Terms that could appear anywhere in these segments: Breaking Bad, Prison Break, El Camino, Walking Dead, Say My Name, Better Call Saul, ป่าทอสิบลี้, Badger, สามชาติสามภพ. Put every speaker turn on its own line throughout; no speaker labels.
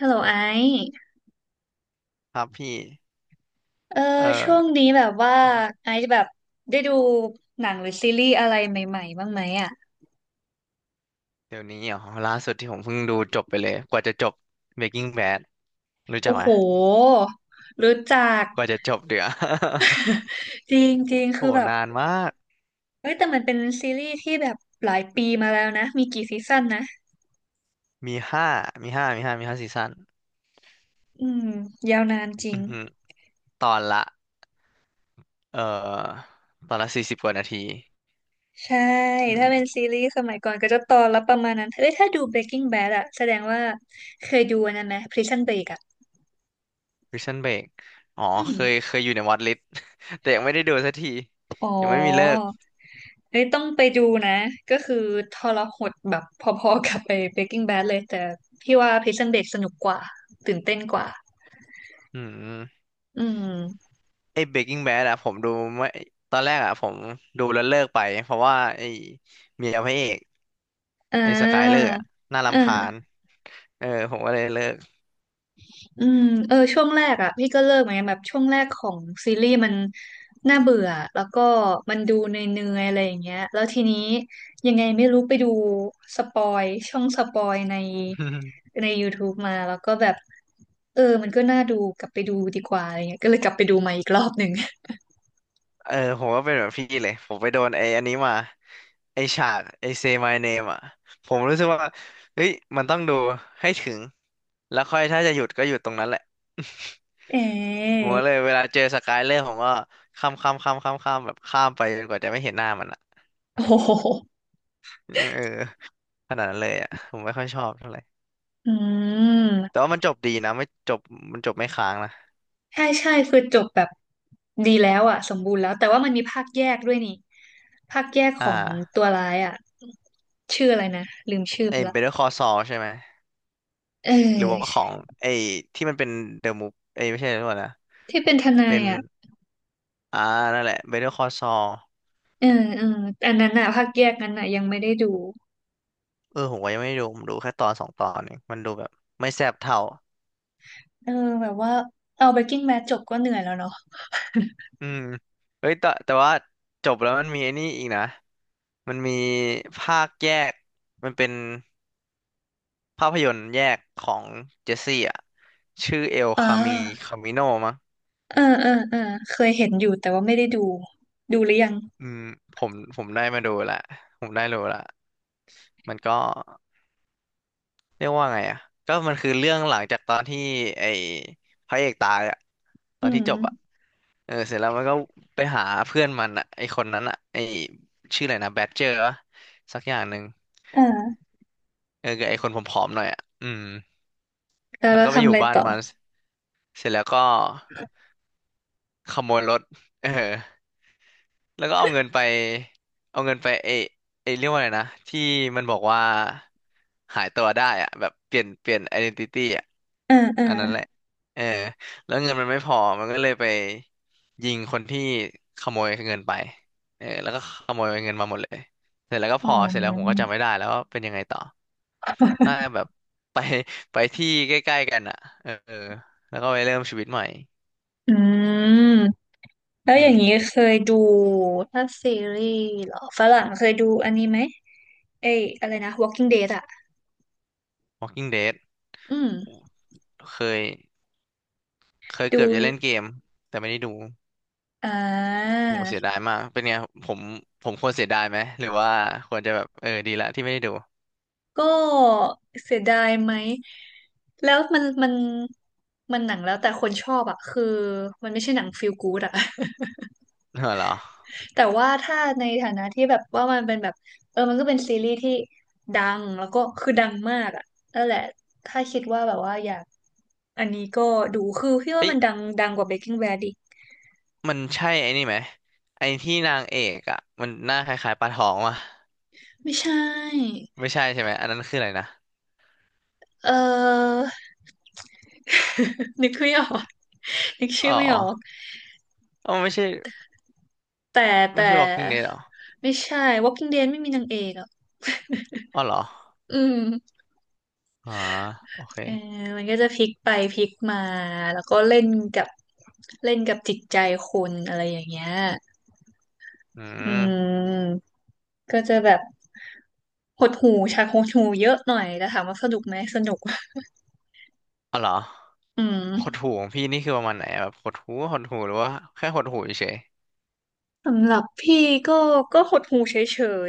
ฮัลโหลไอซ์
ครับพี่
เออ
เอ่อ
ช่วงนี้แบบว่าไอซ์แบบได้ดูหนังหรือซีรีส์อะไรใหม่ๆบ้างไหมอ่ะ
เดี๋ยวนี้เหรอล่าสุดที่ผมเพิ่งดูจบไปเลยกว่าจะจบ Breaking Bad รู้จัก
โอ้
ไหม
โหรู้จัก
กว่าจะจบเดี๋ยว
จริง ๆ
โห
คือแบบ
นานมาก
เฮ้ยแต่มันเป็นซีรีส์ที่แบบหลายปีมาแล้วนะมีกี่ซีซั่นนะ
มีห้ามีห้าซีซั่น
อืมยาวนานจริ
อื
ง
อหือตอนละ เอ่อตอนละ40กว่านาที
ใช่
อื
ถ้า
ม
เป็นซีรีส์สมัยก่อนก็จะตอนละประมาณนั้นเฮ้ยถ้าดู Breaking Bad อะแสดงว่าเคยดูอันนั้นไหม Prison Break อะ
Prison Break อ๋อ
อื
เคย
ม
เคยอยู่ในวอตลิสต์ แต่ยังไม่ได้ดูสักที
อ๋อ
ยังไม่มีเลิก
เอ้ยต้องไปดูนะก็คือทรหดแบบพอๆกับไป Breaking Bad เลยแต่พี่ว่า Prison Break สนุกกว่าตื่นเต้นกว่า
อืม
อืม
ไอ้ Breaking Bad อะผมดูไม่ตอนแรกอะผมดูแล้วเลิกไปเพราะว่าไอ้เมียพระเอก
อ่
ในสกายเลอ
า
ร์อะน่า
เอ
รำคาญ
อ
เออผมก็เลยเลิก
อืมเออช่วงแรกอ่ะพี่ก็เลิกเหมือนกันแบบช่วงแรกของซีรีส์มันน่าเบื่อแล้วก็มันดูเนื่อยๆอะไรอย่างเงี้ยแล้วทีนี้ยังไงไม่รู้ไปดูสปอยช่องสปอยใน ใน YouTube มาแล้วก็แบบเออมันก็น่าดูกลับไปดูดีกว่าอะไรเงี้ยก็เลยกลับไปดูมาอีกรอบหนึ่ง
เออผมก็เป็นแบบพี่เลยผมไปโดนไอ้อันนี้มาไอ้ฉากไอ้ Say My Name อ่ะผมรู้สึกว่าเฮ้ยมันต้องดูให้ถึงแล้วค่อยถ้าจะหยุดก็หยุดตรงนั้นแหละ
เอ๋
ผมก็เลยเวลาเจอสกายเลอร์ผมก็ข้ามข้ามข้ามข้ามข้ามแบบข้ามไปจนกว่าจะไม่เห็นหน้ามันอ่ะ
โอ้โห
เออขนาดนั้นเลยอ่ะผมไม่ค่อยชอบเท่าไหร่
อื
แต่
ม
ว่ามันจบดีนะไม่จบมันจบไม่ค้างนะ
ใช่ใช่คือจบแบบดีแล้วอ่ะสมบูรณ์แล้วแต่ว่ามันมีภาคแยกด้วยนี่ภาคแยกข
อ่
อง
า
ตัวร้ายอ่ะชื่ออะไรนะลืมชื่อไป
ไอ้
ละ
Better Call Saul ใช่ไหม
เ
หรือว่าข
ออ
องไอ้ที่มันเป็นเดอะมูฟเอ้ยไม่ใช่เดอะมูฟนะ
ที่เป็นทนา
เป็
ย
น
อ่ะ
อ่านั่นแหละเบเ e อร์คอ s ซอล
เออเอออันนั้นอ่ะภาคแยกนั้นอ่ะยังไม่ได้ดู
เออผมก็ยังไม่ได้ดูผมดูแค่ตอนสองตอนเองมันดูแบบไม่แซ่บเท่า
เออแบบว่าเอา Breaking Bad จบก็เหนื่อยแล้วเนาะ
อืมเฮ้ยแต่ว่าจบแล้วมันมีไอ้นี่อีกนะมันมีภาคแยกมันเป็นภาพยนตร์แยกของเจสซี่อ่ะชื่อเอล
อ่
คามี
า
คามิโนมั้ง
เออเออเออเคยเห็นอยู่แต่ว่าไม่ได้ดูดูหรือยัง
อืมผมได้มาดูละผมได้รู้ละมันก็ เรียกว่าไงอ่ะก็มันคือเรื่องหลังจากตอนที่ไอ้พระเอกตายอ่ะตอ
อื
น
ม
ที่จบอ่ะเออเสร็จแล้วมันก็ไปหาเพื่อนมันอ่ะไอ้คนนั้นอ่ะไอ้ชื่ออะไรนะแบดเจอร์วะสักอย่างหนึ่ง
อ่า
เออกับไอ้คนผอมๆหน่อยอ่ะอืม
แล้ว
แล้ว
เรา
ก็ไป
ทำ
อ
อะ
ยู่
ไร
บ้าน
ต่อ
มันเสร็จแล้วก็ขโมยรถเออ แล้วก็เอาเงินไปเอาเงินไปเอเอเรียกว่าอะไรนะที่มันบอกว่าหายตัวได้อะแบบเปลี่ยนไอเดีนติตี้อะ
อ่าออ
อันนั้นแหละเออแล้วเงินมันไม่พอมันก็เลยไปยิงคนที่ขโมยเงินไปเออแล้วก็ขโมยเงินมาหมดเลยเสร็จแล้วก็
อ๋
พ
อ
อเสร็จแล้วผมก็จำไม่ได้แล้วว่าเป็นยังไงต่อน่าจะแบบ ไปไปที่ใกล้ๆกันอ่ะเออแล้วก็ไปเริ่มชีวิตใหม่
อืมแล้วอ
อื
ย่า
ม
งนี้เคยดูถ้าซีรีส์เหรอฝรั่งเคยดูอันนี้ไหมเอ้ยอะไรนะ Walking Dead อะ
Walking Dead
อืม
โอ้เคย เคย
ดู
เกือบจะเล่นเกมแต่ไม่ได้ดู
อ่า
โหเสียดายมากเป็นไงผมผมควรเสียดายไหมหรือว่าควรจะแบบเออดีละที่ไม่ได้ดู
ก็เสียดายไหมแล้วมันหนังแล้วแต่คนชอบอะคือมันไม่ใช่หนังฟีลกู๊ดอะ
เหรอ
แต่ว่าถ้าในฐานะที่แบบว่ามันเป็นแบบเออมันก็เป็นซีรีส์ที่ดังแล้วก็คือดังมากอะนั่นแหละถ้าคิดว่าแบบว่าอยาก อันนี้ก็ดูคือพี่ว่า
เอ้ย
มันดังกว่า Breaking Bad อีก
มันใช่ไอ้นี่ไหมไอ้ที่นางเอกอ่ะมันหน้าคล้ายๆปลาทองวะ
ไม่ใช่
ไม่ใช่ใช่ไหมอันนั้นคืออะไรนะ
เออ นึกไม่ออกนึกชื่
อ๋อ
อไม่ออก
อ๋อไม่ใช่
แต่
ไม่
แต่
ใช่ Walking Dead หรอ
ไม่ใช่ Walking Dead ไม่มีนางเอกอ่ะ
อ๋อเหรอ
อืม
อ๋อโอเค
เออมันก็จะพลิกไปพลิกมาแล้วก็กับเล่นกับจิตใจคนอะไรอย่างเงี้ย
อื
อื
ม
มก็จะแบบหดหู่ฉากหดหู่เยอะหน่อยแต่ถามว่าสนุกไหมสนุก
อ๋อเหรอ
อื
หด
ม
หู่ของพี่นี่คือประมาณไหนอะแบบหดหู่หดหู่หรือว่าแค่หดหู่เฉย
สำหรับพี่ก็ก็หดหูเฉ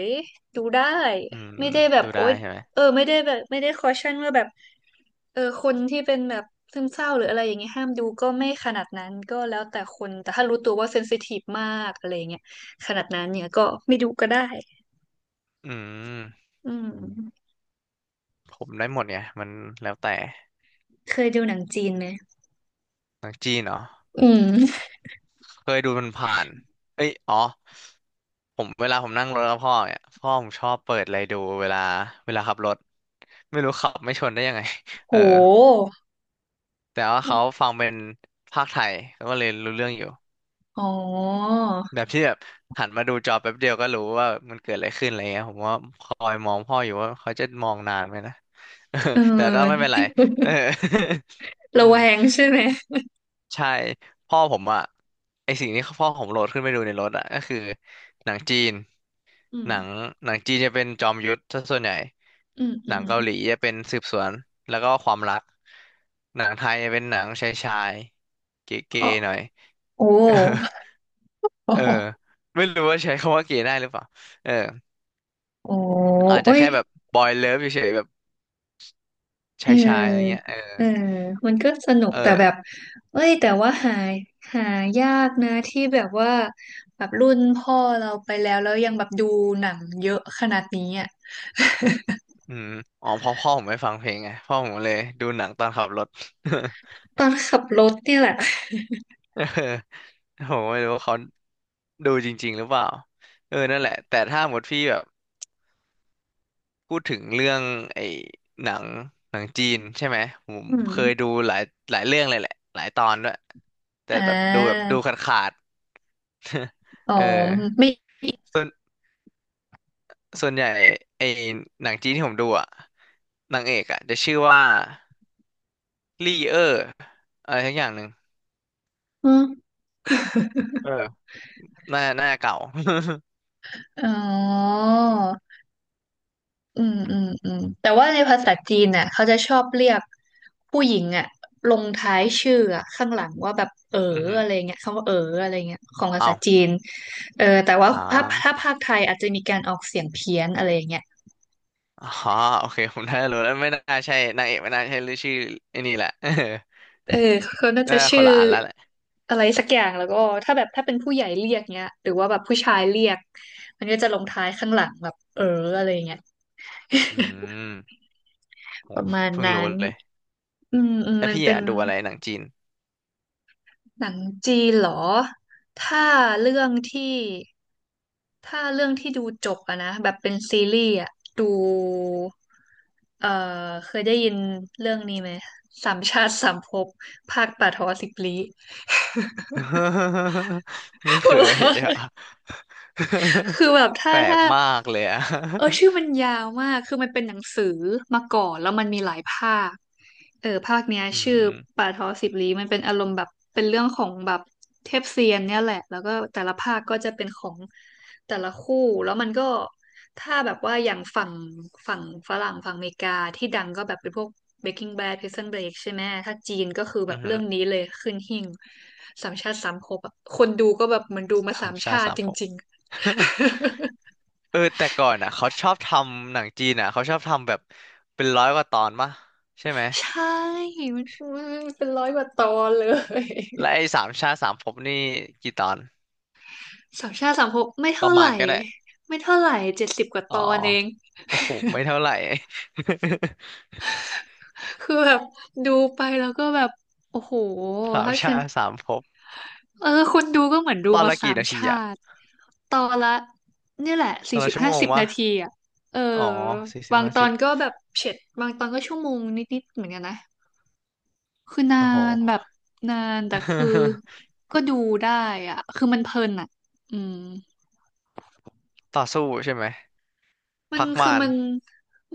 ยๆดูได้
ๆอื
ไม่
ม
ได้แบบ
ดู
โอ๊
ได้
ย
ใช่ไหม
เออไม่ได้แบบไม่ได้คอชั่นว่าแบบเออคนที่เป็นแบบซึมเศร้าหรืออะไรอย่างเงี้ยห้ามดูก็ไม่ขนาดนั้นก็แล้วแต่คนแต่ถ้ารู้ตัวว่าเซนซิทีฟมากอะไรอย่างเงี้ยขนาดนั้นเนี่ยก็ไม่ดูก็ได้
อืม
อืม
ผมได้หมดไงมันแล้วแต่
เคยดูหนังจีนไหม
หนังจีนเนาะ
อืม
เคยดูมันผ่านเอ้ยอ๋อผมเวลาผมนั่งรถกับพ่อเนี่ยพ่อผมชอบเปิดอะไรดูเวลาขับรถไม่รู้ขับไม่ชนได้ยังไง
โห
เออแต่ว่าเขาฟังเป็นภาคไทยเขาก็เลยรู้เรื่องอยู่
อ๋อ
แบบที่แบบหันมาดูจอแป๊บเดียวก็รู้ว่ามันเกิดอะไรขึ้นอะไรเงี้ยผมว่าคอยมองพ่ออยู่ว่าเขาจะมองนานไหมนะ
เ
แต่ก็ไม่
ออ
เป็นไรเออ อื
ระ
ม
แวงใช่ไหม
ใช่พ่อผมอะไอสิ่งที่พ่อผมโหลดขึ้นไปดูในรถอะก็คือหนังจีน
อื
หนัง
ม
หนังจีนจะเป็นจอมยุทธซะส่วนใหญ่
อืมอื
หนัง
ม
เกาหลีจะเป็นสืบสวนแล้วก็ความรักหนังไทยจะเป็นหนังชายชายเก๋
อ๋อ
ๆหน่อย
โ
เออ
อ้
เออ ไม่รู้ว่าใช้คำว่าเก๋ได้หรือเปล่าเออ
โอ้
อาจ
โอ้
จะ
ย
แค่แบบบอยเลิฟเฉยๆแบบ
เ
ชายชายอะไรเงี้ย
ออ
เออ
เออมันก็สนุก
เอ
แต่แบบ
อ
เอ้ยแต่ว่าหายากนะที่แบบว่าแบบรุ่นพ่อเราไปแล้วแล้วยังแบบดูหนังเยอะขนาดนี้อ่ะ
อืมอ๋อเพราะพ่อผมไม่ฟังเพลงไงพ่อผมเลยดูหนังตอนขับรถ
ตอนขับรถเนี่ยแหละ
ผมไม่รู้ว่าเขาดูจริงๆหรือเปล่าเออนั่นแหละแต่ถ้าหมดพี่แบบพูดถึงเรื่องไอ้หนังหนังจีนใช่ไหมผม
อื
เคย
ม
ดูหลายเรื่องเลยแหละหลายตอนด้วยแต่
อ่
แบบดูแบบ
า
ดูขาดขาด
อ๋อ
เออ
ไม่
ส่วนส่วนใหญ่ไอ้หนังจีนที่ผมดูอ่ะนางเอกอ่ะจะชื่อว่าลี่เออร์อะไรทักอย่างหนึ่ง
อืม
เออน่าเก่า
อ๋อ อืมอืมอืมแต่ว่าในภาษาจีนน่ะเขาจะชอบเรียกผู้หญิงอ่ะลงท้ายชื่ออะข้างหลังว่าแบบเออ
อือหือ
อะไรเงี้ยคำว่าเอออะไรเงี้ยของภา
อ้า
ษา
ว
จีนเออแต่ว่า
อ่า
ถ้าภาคไทยอาจจะมีการออกเสียงเพี้ยนอะไรเงี้ย
อ๋อโอเคผมน่าจะรู้แล้วไม่น่าใช่นางเอกไม่น่าใช่หรือชื่อไอ้นี่แหละ
เออเขาน่าจะ
น่าค
ชื่อ
นละอันแล้วแหละ
อะไรสักอย่างแล้วก็ถ้าแบบถ้าเป็นผู้ใหญ่เรียกเงี้ยหรือว่าแบบผู้ชายเรียกมันก็จะลงท้ายข้างหลังแบบเอออะไรเงี้ย
อืมโห
ประมาณ
เพิ่ง
นั้
รู้
น
เลย
อืมอืม
แล้ว
มัน
พี่
เป็น
อ่ะดูอะไรหนังจีน
หนังจีนเหรอ ถ้าเรื่องที่ถ้าเรื่องที่ดูจบอะนะแบบเป็นซีรีส์อะดูเอ่อเคยได้ยินเรื่องนี้ไหมสามชาติสามภพภาคป่าทอสิบลี้
ไม่
หั
เค
วเรา
ย
ะ
อ่ะ
คือแบบ
แป
ถ้า
ลก
ถ้า
มากเลยอ่ะ
เออชื่อมันยาวมาก คือมันเป็นหนังสือมาก่อนแล้วมันมีหลายภาคเออภาคเนี้ย
อื
ชื่อ
ม
ป่าทอสิบลี้มันเป็นอารมณ์แบบเป็นเรื่องของแบบเทพเซียนเนี่ยแหละ แล้วก็แต่ละภาคก็จะเป็นของแต่ละคู่ แล้วมันก็ถ้าแบบว่าอย่างฝั่งฝั่งฝรั่งฝั่งอเมริกาที่ดังก็แบบเป็นพวก Breaking Bad Prison Break ใช่ไหม ถ้าจีนก็คือแบ
อื
บ
อหื
เรื่
อ
องนี้เลยขึ้นหิ้งสามชาติสามภพอะคนดูก็แบบเหมันดูมา
ธร
สา
รม
ม
ชา
ชา
ติ
ติ
สาม
จ
ภพ
ริง
เออแต่ก่อนอ่ะเขาชอบทำหนังจีนอ่ะเขาชอบทำแบบเป็น100กว่าตอนมะใช่ไหม
ใช่มันมันเป็น100 กว่าตอนเลย
และไอ้สามชาติสามภพนี่กี่ตอน
สามชาติสามภพไม่
ป
เท่า
ระ
ไห
มาณ
ร่
ก็ได้
ไม่เท่าไหร่เจ็ดสิบกว่า
อ๋
ต
อ
อนเอง
โอ้โหไม่เท่าไหร่
คือแบบดูไปแล้วก็แบบโอ้โห
สาม
ถ้าฉั
ชา
น
ติสามภพ
เออคนดูก็เหมือนดู
ตอน
มา
ละ
สา
กี่
ม
นา
ช
ทีอะ
าติตอนละเนี่ยแหละ
ตอ
สี่
น
สิ
ละ
บ
ชั่ว
ห้า
โมง
สิบ
วะ
นาทีอ่ะเออ
อ๋อสี่สิบ
บาง
ห้า
ตอ
สิ
น
บ
ก็แบบเฉ็ดบางตอนก็ชั่วโมงนิดๆเหมือนกันนะคือนา
โอ้โห
นแบบนานแต่คือ ก็ดูได้อ่ะคือมันเพลินอ่ะอืม
ต่อสู้ใช่ไหม
มัน
พัก
คือ
มาน
มัน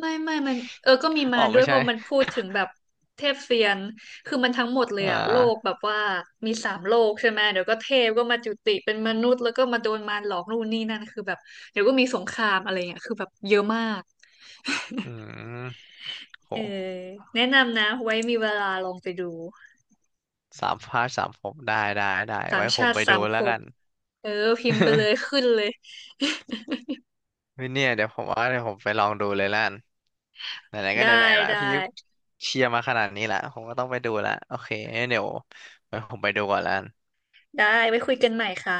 ไม่มันเออก็มี
อ๋
มา
อ
รด้ว
ไม่
ยเพ
ใช่
ราะมันพูดถึงแบบเทพเซียนคือมันทั้งหมดเลย
อ่
อะโลกแบ
า
บว่ามีสามโลกใช่ไหมเดี๋ยวก็เทพก็มาจุติเป็นมนุษย์แล้วก็มาโดนมารหลอกนู่นนี่นั่นคือแบบเดี๋ยวก็มีสงครามอะไรเงี้ยคือแบบเยอะมาก
อืมโห
เออแนะนำนะไว้มีเวลาลองไปดู
สามพาร์ทสามภพได้ได้ได้
สาม
ไว้ผ
ชา
ม
ติ
ไป
สา
ดู
มภ
แล้ว
พ
กัน
เออพิมพ์ไปเลยขึ้ นเลย
ม่เนี่ยเดี๋ยวผมว่าเดี๋ยวผมไปลองดูเลยและกันไหนๆก็
ได้
ไหนๆละ
ได้
พี่เชียร์มาขนาดนี้ละผมก็ต้องไปดูละโอเคงั้นเดี๋ยวไว้ผมไปดูก่อนแลวกัน
ได้ไว้คุยกันใหม่ค่ะ